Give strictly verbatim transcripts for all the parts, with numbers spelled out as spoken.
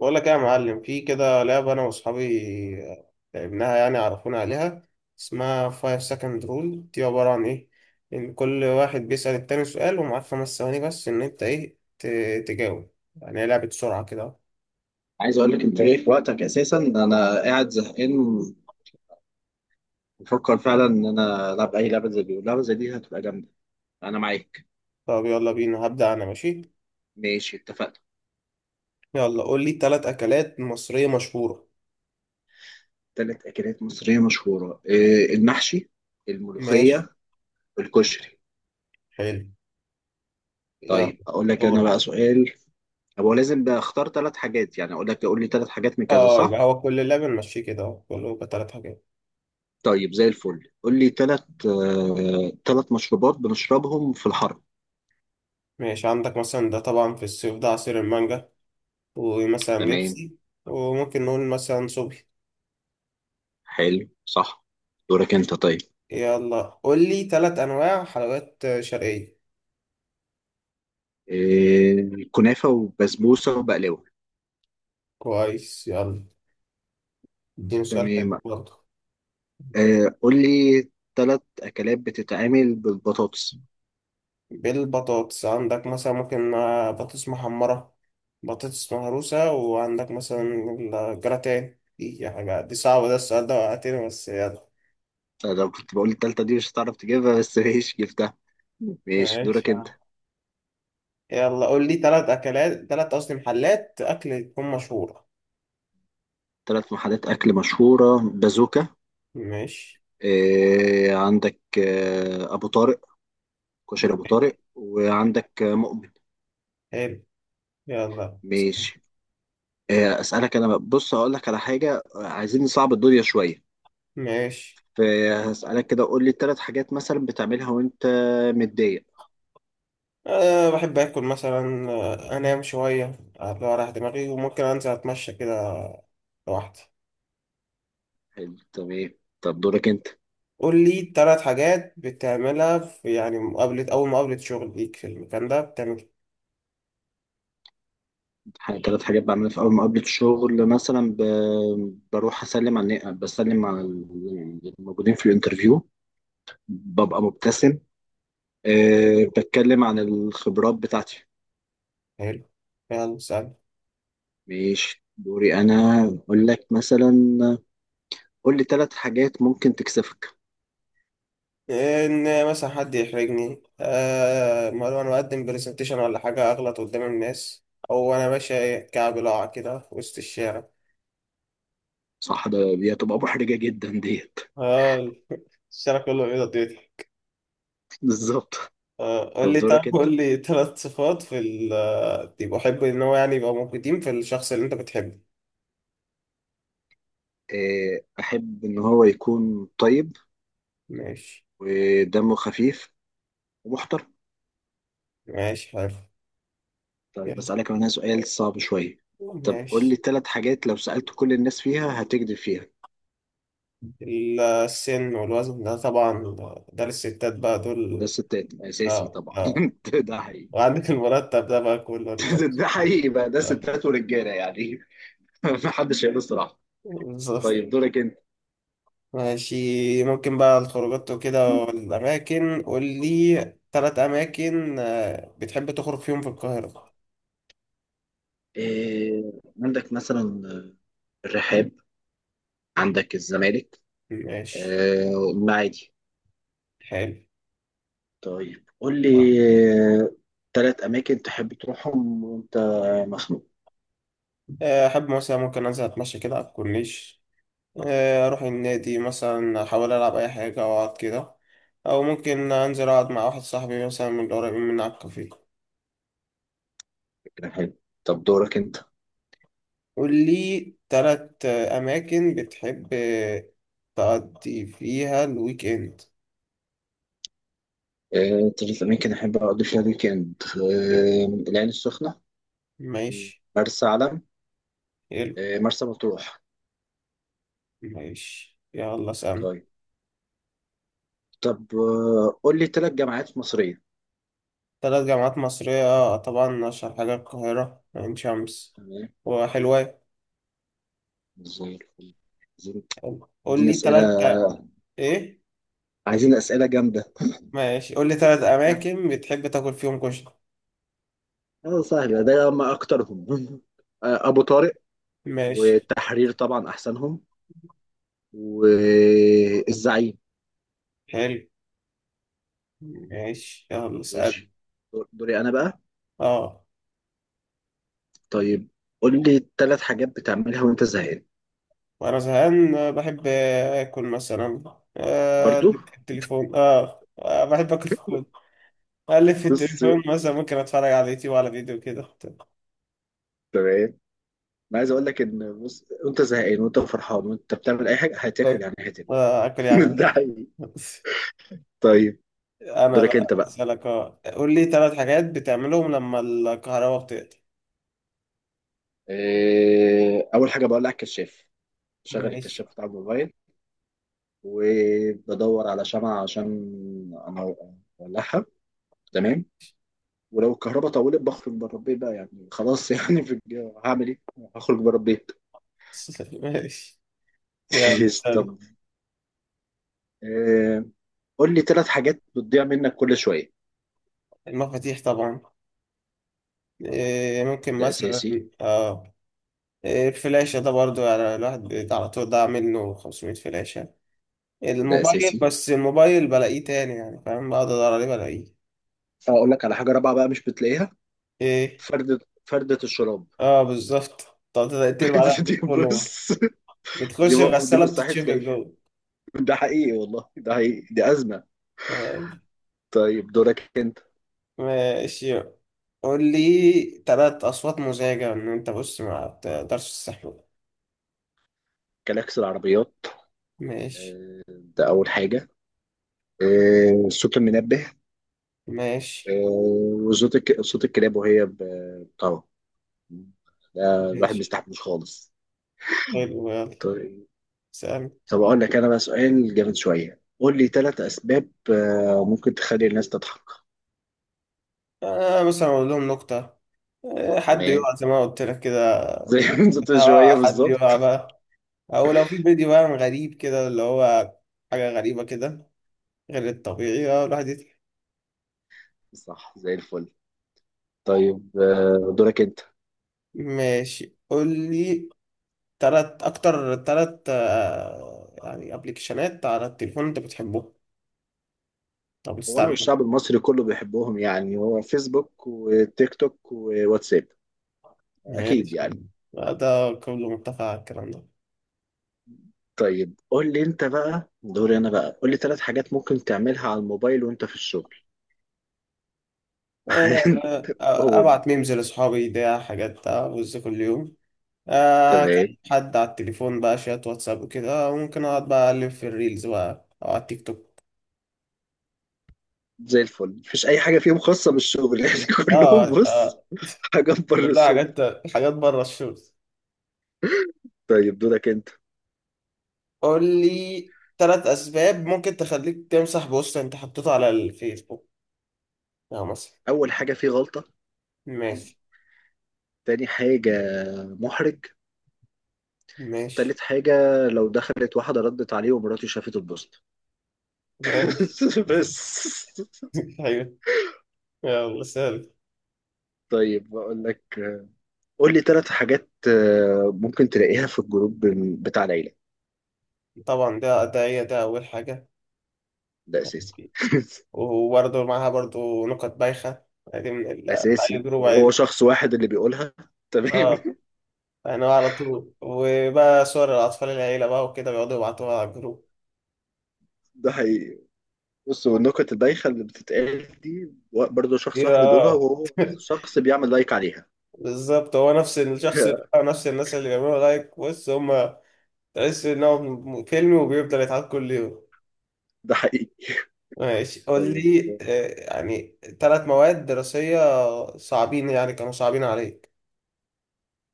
بقول لك ايه يا معلم؟ في كده لعبة انا واصحابي لعبناها، يعني عرفونا عليها. اسمها five second rule. دي عبارة عن ايه؟ ان كل واحد بيسأل التاني سؤال ومعاك خمس ثواني بس ان انت ايه ت- تجاوب. يعني هي لعبة سرعة كده. عايز اقول لك، انت جاي في وقتك اساسا. انا قاعد زهقان، بفكر فعلا ان انا العب اي لعبه زي دي، واللعبه زي دي هتبقى جامده. انا معاك. طب يلا بينا، هبدأ انا. ماشي. ماشي اتفقنا. يلا قول لي ثلاث اكلات مصرية مشهورة. ثلاث اكلات مصريه مشهوره إيه، المحشي، ماشي. الملوخيه، الكشري. حلو. يلا. طيب اقول لك انا دورك. بقى سؤال. هو لازم بقى اختار ثلاث حاجات؟ يعني اقول لك قول لي ثلاث حاجات من كذا، اه، صح؟ يبقى هو كل اللعبة نمشيه كده، كله ثلاث حاجات. طيب زي الفل. قول لي ثلاث ثلاث مشروبات بنشربهم في الحر. ماشي، عندك مثلا ده طبعا في الصيف ده عصير المانجا، ومثلا تمام. بيبسي، وممكن نقول مثلا صبحي. حلو صح. دورك انت. طيب، يلا قول لي ثلاث أنواع حلويات شرقية. آه، كنافة وبسبوسة وبقلاوة. كويس، يلا. اديني سؤال حلو تمام. برضه. آه، قول لي ثلاث أكلات بتتعمل بالبطاطس. بالبطاطس، عندك مثلا ممكن آه، بطاطس محمرة، بطاطس مهروسة، وعندك مثلا الجراتان. دي حاجة، دي صعبة، ده السؤال ده وقعتني، بس يلا. أنا لو كنت بقول التالتة دي مش هتعرف تجيبها، بس ماشي جبتها. ماشي ماشي دورك يا أنت. عم. يلا قول لي تلات أكلات تلات قصدي محلات أكل تكون مشهورة. ثلاث محلات أكل مشهورة: بازوكا، ماشي. آه، عندك آه، أبو طارق، كشري أبو طارق، وعندك آه، مؤمن. حلو. يلا سلام. ماشي. آه، أسألك أنا بقى- بص، هقول لك على حاجة. آه، عايزين نصعب الدنيا شوية. ماشي. فهسألك كده، قول لي ثلاث حاجات مثلا بتعملها وأنت متضايق. أه، بحب آكل مثلا، آه، أنام شوية، أطلع أريح دماغي، وممكن أنزل أتمشى كده لوحدي. حلو. طب ايه، طب دورك انت. قول لي تلات حاجات بتعملها في يعني مقابلة، أول مقابلة شغل ليك في المكان ده بتعمل إيه؟ ح- تلات حاجات بعملها في اول مقابلة الشغل مثلا ب... بروح اسلم على بسلم على ال- الموجودين في الانترفيو. ببقى مبتسم. أه بتكلم عن الخبرات بتاعتي. حلو، يلا سهل. ماشي دوري انا. اقول لك مثلا، قول لي تلات حاجات ممكن تكسفك. إن مثلا حد يحرجني، أه مرة أنا بقدم برزنتيشن ولا حاجة أغلط قدام الناس، أو أنا ماشي كعب لاعة كده في وسط الشارع. صح، ده دي هتبقى محرجة جدا ديت. أه، الشارع كله بيضة. بالظبط. آه، قول طب لي دورك طب انت. قول لي ثلاث صفات في ال دي بحب ان هو يعني يبقى موجودين في الشخص اللي انت بتحبه. أه، احب ان هو يكون طيب، ماشي. ودمه خفيف، ومحترم. ماشي، حلو. طيب يلا أسألك هنا سؤال صعب شوية. طب قول لي ماشي. ثلاث حاجات لو سألت كل الناس فيها هتكذب فيها. ال- السن والوزن ده طبعا، ده للستات بقى ده دول. ستات أساسي اه طبعا. اه. ده حقيقي. وعندك المرتب ده بقى كله، رجاله ده وستات. حقيقي بقى، ده لا. ستات ورجالة يعني. ما حدش هيقول الصراحة. بالظبط. طيب دورك أنت. ماشي. ممكن بقى الخروجات وكده والأماكن، قول لي ثلاث أماكن آه، بتحب تخرج فيهم في القاهرة. إيه، عندك مثلا الرحاب، عندك الزمالك، ماشي. آه، المعادي. حلو. طيب قول لي ثلاث أماكن تحب تروحهم وأنت مخنوق. آه، أحب مثلا ممكن أنزل أتمشى كده على الكورنيش، آه، أروح النادي مثلا أحاول ألعب أي حاجة أو أقعد كده، أو ممكن أنزل أقعد مع واحد صاحبي مثلا من القريبين من على الكافيه. كده حلو. طب دورك أنت. قول لي تلات آه، أماكن بتحب آه، تقضي فيها الويك إند. آه، تلات أماكن أحب أقضي فيها ويكند: آه، العين السخنة، ماشي. مرسى علم، حلو. آه، مرسى مطروح. ماشي يلا سلام. طيب. طب آه، قول لي تلات جامعات مصرية. تلات جامعات مصرية، آه، طبعا أشهر حاجة القاهرة، عين شمس، تمام. وحلوان. زي الفل. عايزين قول عايزين لي أسئلة تلات. إيه؟ عايزين أسئلة جامدة. ماشي، قول لي ثلاث أماكن بتحب تاكل فيهم كشري. اه سهلة، ده ما أكترهم. آه، أبو طارق، ماشي. والتحرير طبعا أحسنهم، والزعيم. حلو. ماشي يلا اسأل. ماشي. دور- دوري أنا بقى. اه. طيب قول لي تلات حاجات بتعملها وأنت زهقان. وأنا زهقان آه، بحب آكل مثلا، آه، برضو. أقلب في التليفون، اه آه، بحب آكل في الفود، أقلب في بص، التليفون، مثلا ممكن أتفرج على يوتيوب وعلى فيديو كده. تمام. انا عايز اقول لك ان بص، وانت زهقان وانت فرحان وانت بتعمل اي حاجه هتاكل، باكل، يعني هتاكل. آه، آكل يعني. ده حقيقي. طيب أنا دورك بقى انت بقى. أسألك، اه قول لي ثلاث حاجات بتعملهم لما الكهرباء بتقطع. إيه، اول حاجه بقول لك كشاف. شغل ماشي. الكشاف بتاع الموبايل. وبدور على شمعة عشان انا اولعها. تمام. ولو الكهرباء طولت بخرج بره البيت بقى، يعني خلاص. يعني في الج- هعمل ايه؟ هخرج بره البيت. ماشي يلا طب سأل. إيه، قول لي ثلاث حاجات بتضيع منك كل شويه. المفاتيح طبعا. إيه، ممكن ده مثلا، اساسي. اه إيه، الفلاشة ده برضو، يعني الواحد بيت- على طول ضاع منه خمسمية فلاشة. ده الموبايل، اساسي. بس الموبايل بلاقيه تاني يعني فاهم، بقعد ادور عليه بلاقيه. اقول لك على حاجه رابعه بقى مش بتلاقيها: ايه. فرده فرده الشراب. اه بالظبط. طب تقدر تقلب على البيت دي كله مرة، بص، دي بتخش دي الغسالة مستحيل بتتشفط تلاقيها. جوه. ده حقيقي، والله ده حقيقي، دي ازمه. آه. طيب دورك انت. ماشي، قول لي تلات أصوات مزعجة إن أنت، بص، ما بتقدرش تستحمل. كلاكس العربيات، ماشي. ده اول حاجه. آه، صوت المنبه. ماشي. آه، وصوت الك... صوت الكلاب وهي ب- طبعا، ده الواحد ما ماشي. يستحملوش خالص. حلو يلا طيب. سلام. طب اقول لك انا بقى سؤال جامد شويه: قول لي ثلاث اسباب آه، ممكن تخلي الناس تضحك. آه مثلا أقول لهم نكتة، آه، حد تمام. يقع زي ما قلت لك كده. زي ما انت شويه اه حد بالظبط. يقع بقى، او لو في فيديو بقى غريب كده اللي هو حاجة غريبة كده، غير الطبيعي، اه الواحد يضحك. صح زي الفل. طيب آه، دورك انت. ماشي قول لي تلات اكتر تلات آه، يعني ابلكيشنات على التليفون انت بتحبهم، طب هو انا استعملهم. والشعب المصري كله بيحبهم، يعني هو فيسبوك وتيك توك وواتساب، اكيد ماشي. يعني. آه، ده كله متفق على الكلام ده. طيب قول لي انت بقى، دوري انا بقى. قول لي ثلاث حاجات ممكن تعملها على الموبايل وانت في الشغل. آه، آه، قول. ابعت ميمز لاصحابي، ده حاجات بتاع، بص كل يوم. آه كان تمام. حد على التليفون بقى، شات واتساب وكده، وممكن اقعد بقى اقلب في الريلز بقى او على التيك توك. زي الفل، مفيش اي حاجه فيهم خاصه بالشغل يعني. كلهم اه بص، آه، حاجه بره كلها الشغل. حاجات، حاجات بره الشغل. طيب دورك انت. قول لي ثلاث اسباب ممكن تخليك تمسح بوست انت حطيته على الفيسبوك. اه مثلا. اول حاجه، فيه غلطه. ماشي. تاني حاجه، محرج. ماشي. تالت حاجة، لو دخلت واحدة ردت عليه ومراته شافت البوست. ماشي. بس. حلو يلا سهل. طيب بقول لك، قول لي ثلاث حاجات آه، ممكن تلاقيها في الجروب بتاع العيلة. طبعا ده ده هي ده اول حاجه. ده أساسي. وبرضه معاها برضه نكت بايخه، دي من ال بتاع أساسي، جروب وهو عيله. شخص واحد اللي بيقولها. اه، تمام. يعني هو على طول، وبقى صور الأطفال العيلة بقى وكده بيقعدوا يبعتوها على الجروب. ده حقيقي. بص، والنكت البايخة اللي بتتقال دي، برضه دي شخص واحد اللي بيقولها، بقى- وهو نفس الشخص بيعمل لايك عليها. بالظبط، هو نفس الشخص بقى، نفس الناس اللي بيعملوا لايك، بص هما. تحس إن هو م- فيلم وبيفضل يتعاد كل يوم. ده حقيقي. ماشي قول طيب. لي آه، يعني ثلاث مواد دراسية صعبين، يعني كانوا صعبين عليك.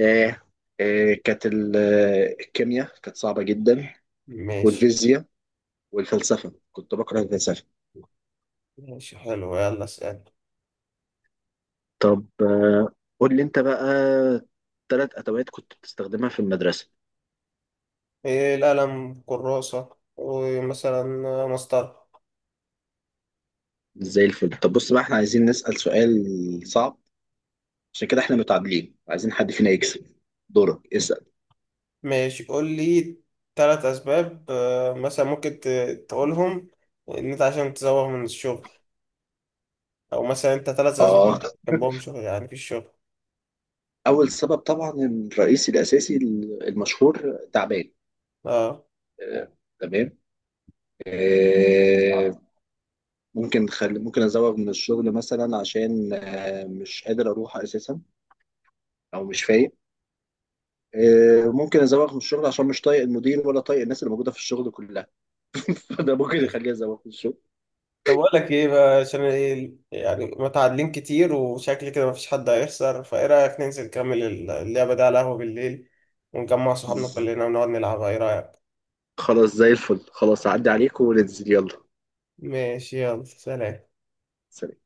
آه. آه كانت ال- آه، الكيمياء كانت صعبة جدا، ماشي. والفيزياء، والفلسفة كنت بكره الفلسفة. ماشي حلو يلا اسأل. طب آه، قول لي انت بقى ثلاث ادوات كنت بتستخدمها في المدرسة. إيه، القلم، كراسة، ومثلا مسطرة. زي الفل. طب بص بقى، احنا عايزين نسأل سؤال صعب، عشان كده احنا متعادلين، عايزين حد فينا يكسب. دورك اسأل. ماشي قول لي ثلاث اسباب آه، مثلا ممكن ت- تقولهم ان انت عشان تزوغ من الشغل. او مثلا انت ثلاث اسباب اللي اه. بتحبهم شغل يعني، في الشغل. اول سبب طبعا، الرئيسي الاساسي المشهور: تعبان. اه. آه، تمام. آه، ممكن خل... ممكن ازوغ من الشغل مثلا عشان آه، مش قادر اروح اساسا، او مش فايق. آه، ممكن ازوغ من الشغل عشان مش طايق المدير ولا طايق الناس اللي موجوده في الشغل كلها. فده ممكن يخليني ازوغ من الشغل. طب اقول لك ايه بقى، عشان ايه يعني متعادلين كتير، وشكل كده مفيش حد هيخسر، فايه رايك ننزل نكمل اللعبه دي على القهوه بالليل، ونجمع صحابنا كلنا ونقعد نلعبها، ايه رايك؟ خلاص زي الفل، خلاص اعدي عليكم وننزل يلا. ماشي يلا سلام سلام.